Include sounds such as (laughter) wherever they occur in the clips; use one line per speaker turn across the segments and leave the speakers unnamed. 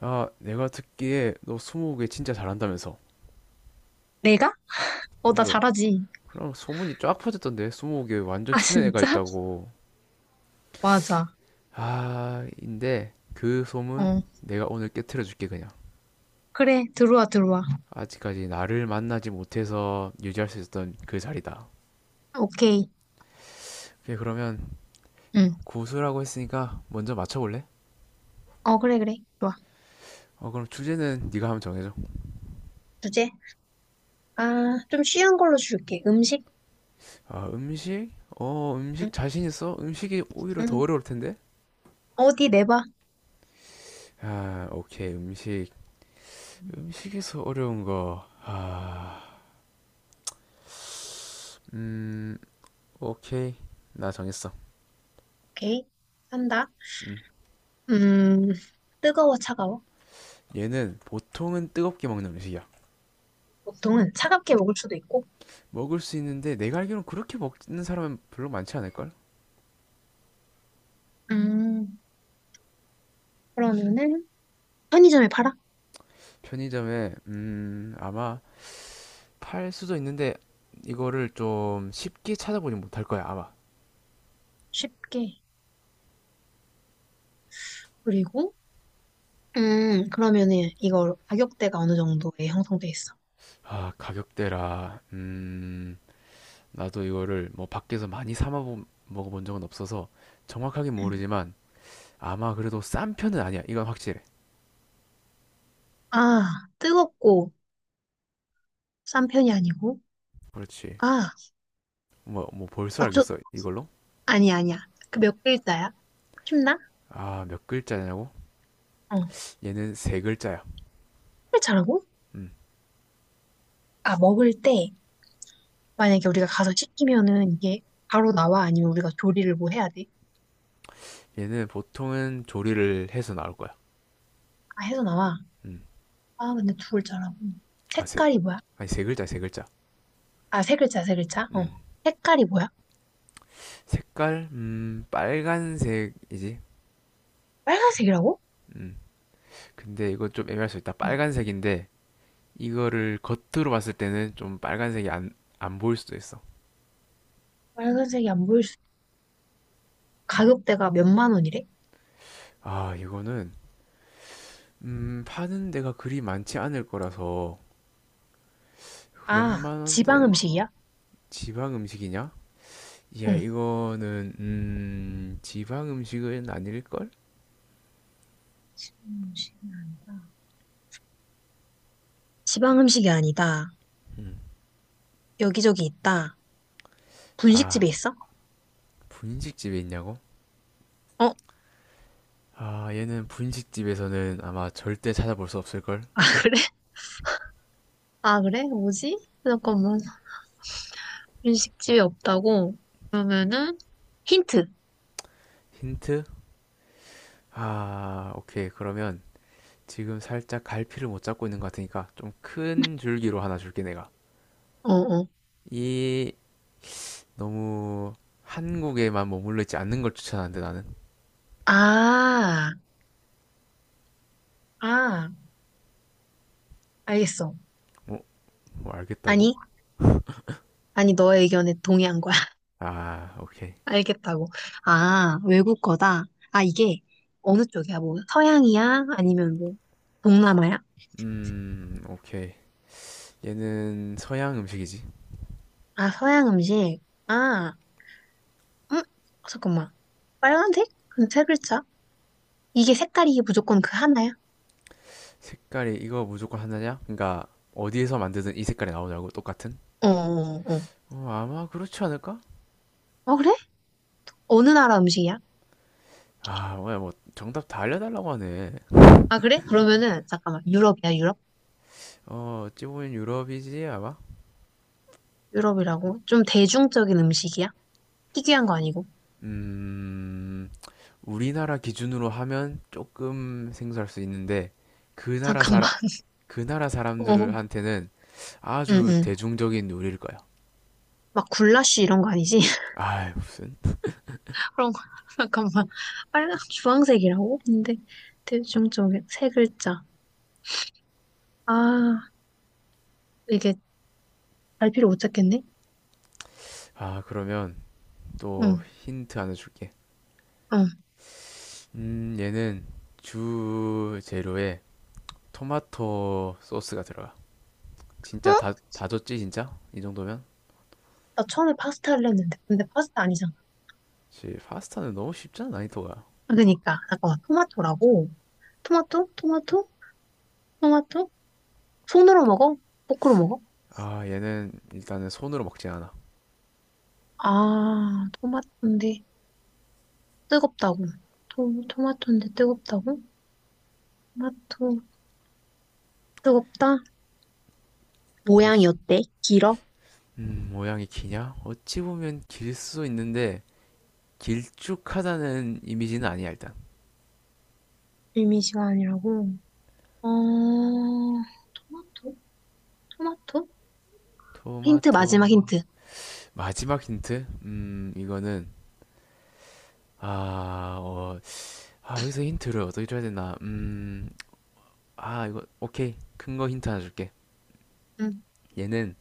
아, 내가 듣기에 너 스무고개 진짜 잘한다면서.
내가? 어, 나
그래.
잘하지.
그럼 소문이 쫙 퍼졌던데 스무고개 완전
아,
치는 애가
진짜? (laughs)
있다고.
맞아.
아, 인데 그 소문
어,
내가 오늘 깨트려 줄게 그냥.
그래. 들어와, 들어와.
아직까지 나를 만나지 못해서 유지할 수 있었던 그 자리다.
오케이.
오케이, 그러면
응.
고수라고 했으니까 먼저 맞춰볼래?
어, 그래, 그래. 좋아.
어, 그럼 주제는 네가 한번 정해줘.
주제? 아, 좀 쉬운 걸로 줄게. 음식?
아, 음식? 어,
응,
음식 자신 있어? 음식이 오히려 더
응.
어려울 텐데?
어디 내봐.
아, 오케이, 음식. 음식에서 어려운 거. 아. 음, 오케이. 나 정했어.
오케이. 산다.
음.
음, 뜨거워, 차가워?
얘는 보통은 뜨겁게 먹는 음식이야.
보통은 차갑게 먹을 수도 있고.
먹을 수 있는데 내가 알기로는 그렇게 먹는 사람은 별로 많지 않을걸?
음, 그러면은 편의점에 팔아?
편의점에 아마 팔 수도 있는데 이거를 좀 쉽게 찾아보지 못할 거야, 아마.
쉽게. 그리고, 그러면은 이거 가격대가 어느 정도에 형성돼 있어?
아, 가격대라. 나도 이거를 뭐 밖에서 많이 사 먹어본 적은 없어서 정확하게
음.
모르지만 아마 그래도 싼 편은 아니야. 이건 확실해.
아, 뜨겁고 싼 편이 아니고.
그렇지.
아,
뭐 벌써
아, 저,
알겠어. 이걸로?
아니, 야 아니야. 그 몇 글자야? 쉽나?
아, 몇 글자냐고?
어.
얘는 세 글자야.
회차라고?
음.
아, 먹을 때 만약에 우리가 가서 시키면은 이게 바로 나와? 아니면 우리가 조리를 뭐 해야 돼?
얘는 보통은 조리를 해서 나올 거야.
아, 해서 나와.
음.
아, 근데 두 글자라고.
아, 세,
색깔이 뭐야?
아니, 세 글자, 세 글자.
아, 세 글자, 세 글자.
음.
어. 색깔이 뭐야?
색깔, 빨간색이지.
빨간색이라고?
음. 근데 이거 좀 애매할 수 있다.
응.
빨간색인데, 이거를 겉으로 봤을 때는 좀 빨간색이 안 보일 수도 있어.
빨간색이 안 보일 수. 가격대가 몇만 원이래?
아, 이거는, 파는 데가 그리 많지 않을 거라서, 몇
아,
만
지방
원대
음식이야?
지방 음식이냐? 야,
응.
이거는, 지방 음식은 아닐걸?
지방 음식이 아니다. 지방 음식이 아니다.
음.
여기저기 있다.
아,
분식집에 있어?
분식집에 있냐고?
어,
아, 얘는 분식집에서는 아마 절대 찾아볼 수 없을걸?
(laughs) 그래? 아, 그래? 뭐지? 잠깐만. 일식집이 없다고? 그러면은, 힌트.
힌트? 아, 오케이. 그러면 지금 살짝 갈피를 못 잡고 있는 것 같으니까 좀 큰 줄기로 하나 줄게, 내가.
어, 어.
이, 너무 한국에만 머물러 있지 않는 걸 추천하는데, 나는.
아, 아, 알겠어.
뭐, 뭐 알겠다고?
아니, 아니, 너의 의견에 동의한 거야. (laughs)
아, 오케이.
알겠다고. 아, 외국 거다. 아, 이게 어느 쪽이야? 뭐, 서양이야? 아니면 뭐, 동남아야?
오케이. 얘는 서양 음식이지.
아, 서양 음식. 아, 음, 잠깐만. 빨간색? 근데 세 글자? 이게 색깔이 무조건 그 하나야?
색깔이 이거 무조건 하나냐? 그러니까 어디에서 만드든 이 색깔이 나오냐고, 똑같은?
어, 어, 어.
어, 아마 그렇지 않을까?
어, 그래? 어느 나라 음식이야?
아, 뭐야, 뭐, 정답 다 알려달라고 하네.
아, 그래? 그러면은, 잠깐만. 유럽이야, 유럽?
어, 어찌 보면 유럽이지, 아마?
유럽이라고? 좀 대중적인 음식이야? 희귀한 거 아니고?
음, 우리나라 기준으로 하면 조금 생소할 수 있는데, 그 나라
잠깐만.
사람,
(laughs)
그 나라
어,
사람들한테는
응,
아주
응.
대중적인 요리일 거야.
막 굴라쉬 이런 거 아니지? (laughs)
아, 무슨?
그런 거. (laughs) 잠깐만. 빨간, 주황색이라고? 근데, 대중적인, 세 글자. 아, 이게 갈피를 못 찾겠네?
아, 그러면 또
응,
힌트 하나 줄게.
응.
얘는 주 재료에 토마토 소스가 들어가. 진짜
어?
다 줬지, 진짜? 이 정도면?
나 처음에 파스타를 했는데. 근데 파스타 아니잖아.
지 파스타는 너무 쉽잖아, 난이도가.
아, 그니까. 잠깐만. 토마토라고? 토마토? 토마토? 토마토? 손으로 먹어? 포크로 먹어?
아, 얘는 일단은 손으로 먹지 않아.
아, 토마토인데. 뜨겁다고. 토마토인데 뜨겁다고? 토마토, 뜨겁다? 모양이
그렇지.
어때? 길어?
모양이 기냐? 어찌 보면 길 수도 있는데 길쭉하다는 이미지는 아니야, 일단.
일미시간이라고. 어, 토마토? 토마토? 힌트, 마지막
토마토.
힌트.
마지막 힌트? 이거는 아, 어, 아, 여기서 힌트를 어떻게 줘야 되나? 아, 이거 오케이. 큰 거 힌트 하나 줄게.
응.
얘는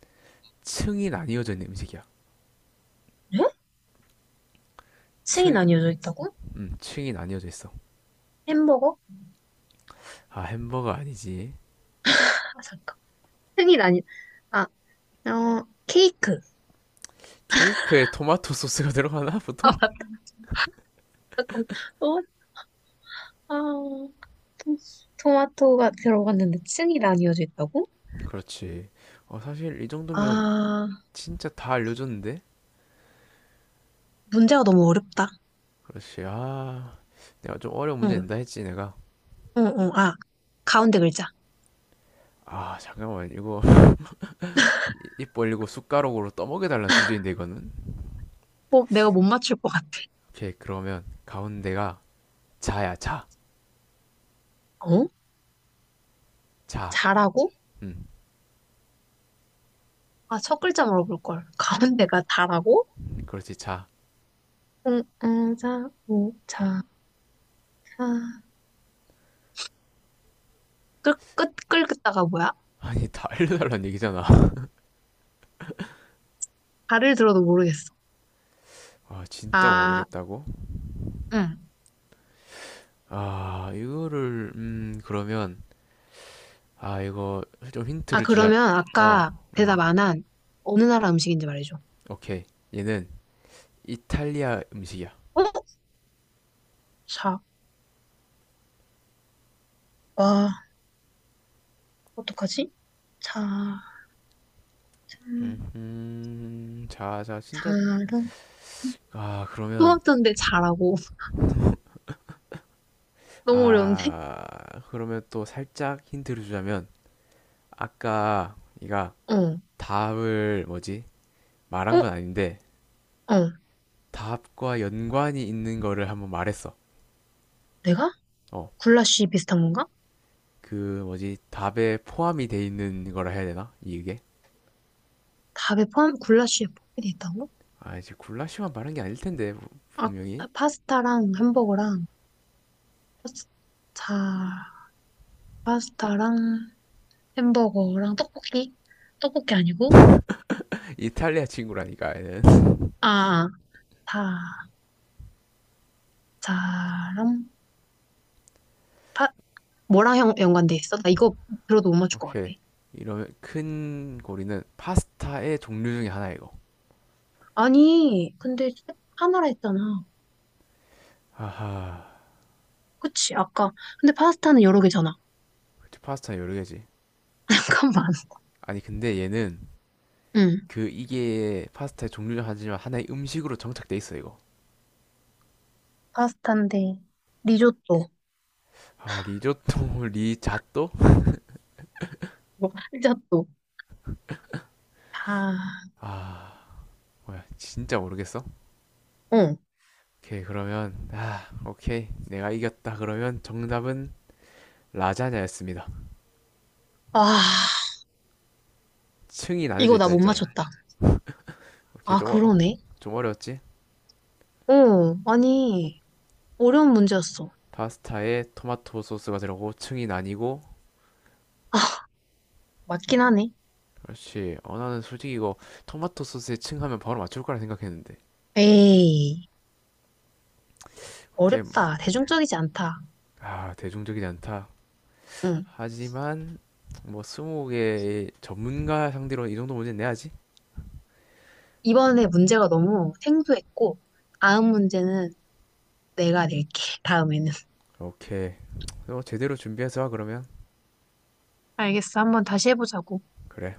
층이 나뉘어져 있는 음식이야.
에? 층이
층,
나뉘어져 있다고?
층이 나뉘어져 있어.
햄버거?
아, 햄버거 아니지.
아, 잠깐. 층이 나뉘, 아, 어, 케이크.
케이크에 토마토 소스가 들어가나,
아,
보통?
잠깐. 토마토, 아, 토- 토마토가 들어갔는데 층이 나뉘어져 있다고?
그렇지. 어, 사실 이 정도면
아,
진짜 다 알려줬는데?
문제가 너무 어렵다.
그렇지. 아, 내가 좀 어려운 문제
응,
낸다 했지, 내가.
응, 응. 아, 가운데 글자.
아, 잠깐만. 이거 (laughs) 입 벌리고 숟가락으로 떠먹여달라 주제인데, 이거는.
어, 내가 못 맞출 것 같아.
오케이, 그러면 가운데가 자야, 자.
어?
자.
잘하고?
음,
아, 첫 글자 물어볼 걸. 가운데가 잘하고?
그렇지, 자.
응, 응, 자, 오 자, 사. 끌, 끝, 끌긋다가 뭐야?
아니, 다 알려달라는 얘기잖아. (laughs)
발을 들어도 모르겠어.
아, 진짜
아,
모르겠다고?
응.
아, 이거를, 그러면, 아, 이거 좀
아,
힌트를 주자.
그러면
어,
아까 대답
음,
안 한 어느 나라 음식인지 말해줘.
오케이. 얘는 이탈리아 음식이야.
어? 자, 와, 어떡하지? 자, 참,
자, 자, 진짜,
잘은.
아, 그러면,
수학자인데 잘하고. (laughs) 너무 어려운데?
아, 그러면 또 살짝 힌트를 주자면, 아까 네가
어,
답을 뭐지?
어,
말한 건 아닌데,
어.
답과 연관이 있는 거를 한번 말했어.
내가?
어,
굴라쉬 비슷한 건가?
그 뭐지? 답에 포함이 돼 있는 거라 해야 되나? 이게?
밥에 포함, 굴라쉬에 포함이 돼 있다고?
아, 이제 굴라쉬만 말한 게 아닐 텐데,
아,
분명히.
파스타랑 햄버거랑, 파스- 자, 파스타랑 햄버거랑 떡볶이? 떡볶이 아니고?
이탈리아 친구라니까, 얘는. (laughs)
아, 다, 자랑, 파, 뭐랑 연, 연관돼 있어? 나 이거 들어도 못 맞출 것 같아.
오케이. 이러면 큰 고리는 파스타의 종류 중에 하나 이거.
아니, 근데 하나라 했잖아.
하하.
그치, 아까. 근데 파스타는 여러 개잖아.
그 파스타 여러 개지.
(laughs) 잠깐만.
아니, 근데 얘는
응.
그 이게 파스타의 종류는 하지만 하나의 음식으로 정착돼 있어, 이거.
파스타인데, 리조또,
아, 리조또, (laughs) 리자또?
뭐, 피자또. 다,
아, 뭐야, 진짜 모르겠어?
어.
오케이, 그러면, 아, 오케이. 내가 이겼다. 그러면 정답은 라자냐였습니다.
아,
층이 나뉘어져
이거 나
있자
못
했잖아.
맞췄다.
오케이,
아,
좀,
그러네.
좀 어려웠지?
어, 아니, 어려운 문제였어.
파스타에 토마토 소스가 들어가고 층이 나뉘고,
아, 맞긴 하네.
그렇지. 어, 나는 솔직히 이거 토마토 소스에 층 하면 바로 맞출 거라 생각했는데.
에이,
오케이.
어렵다. 대중적이지 않다.
아, 대중적이지 않다.
응.
하지만 뭐 20개의 전문가 상대로 이 정도 문제는 내야지.
이번에 문제가 너무 생소했고, 다음 문제는 내가 낼게. 다음에는.
오케이. 너 제대로 준비해서 와, 그러면.
알겠어. 한번 다시 해보자고.
그래.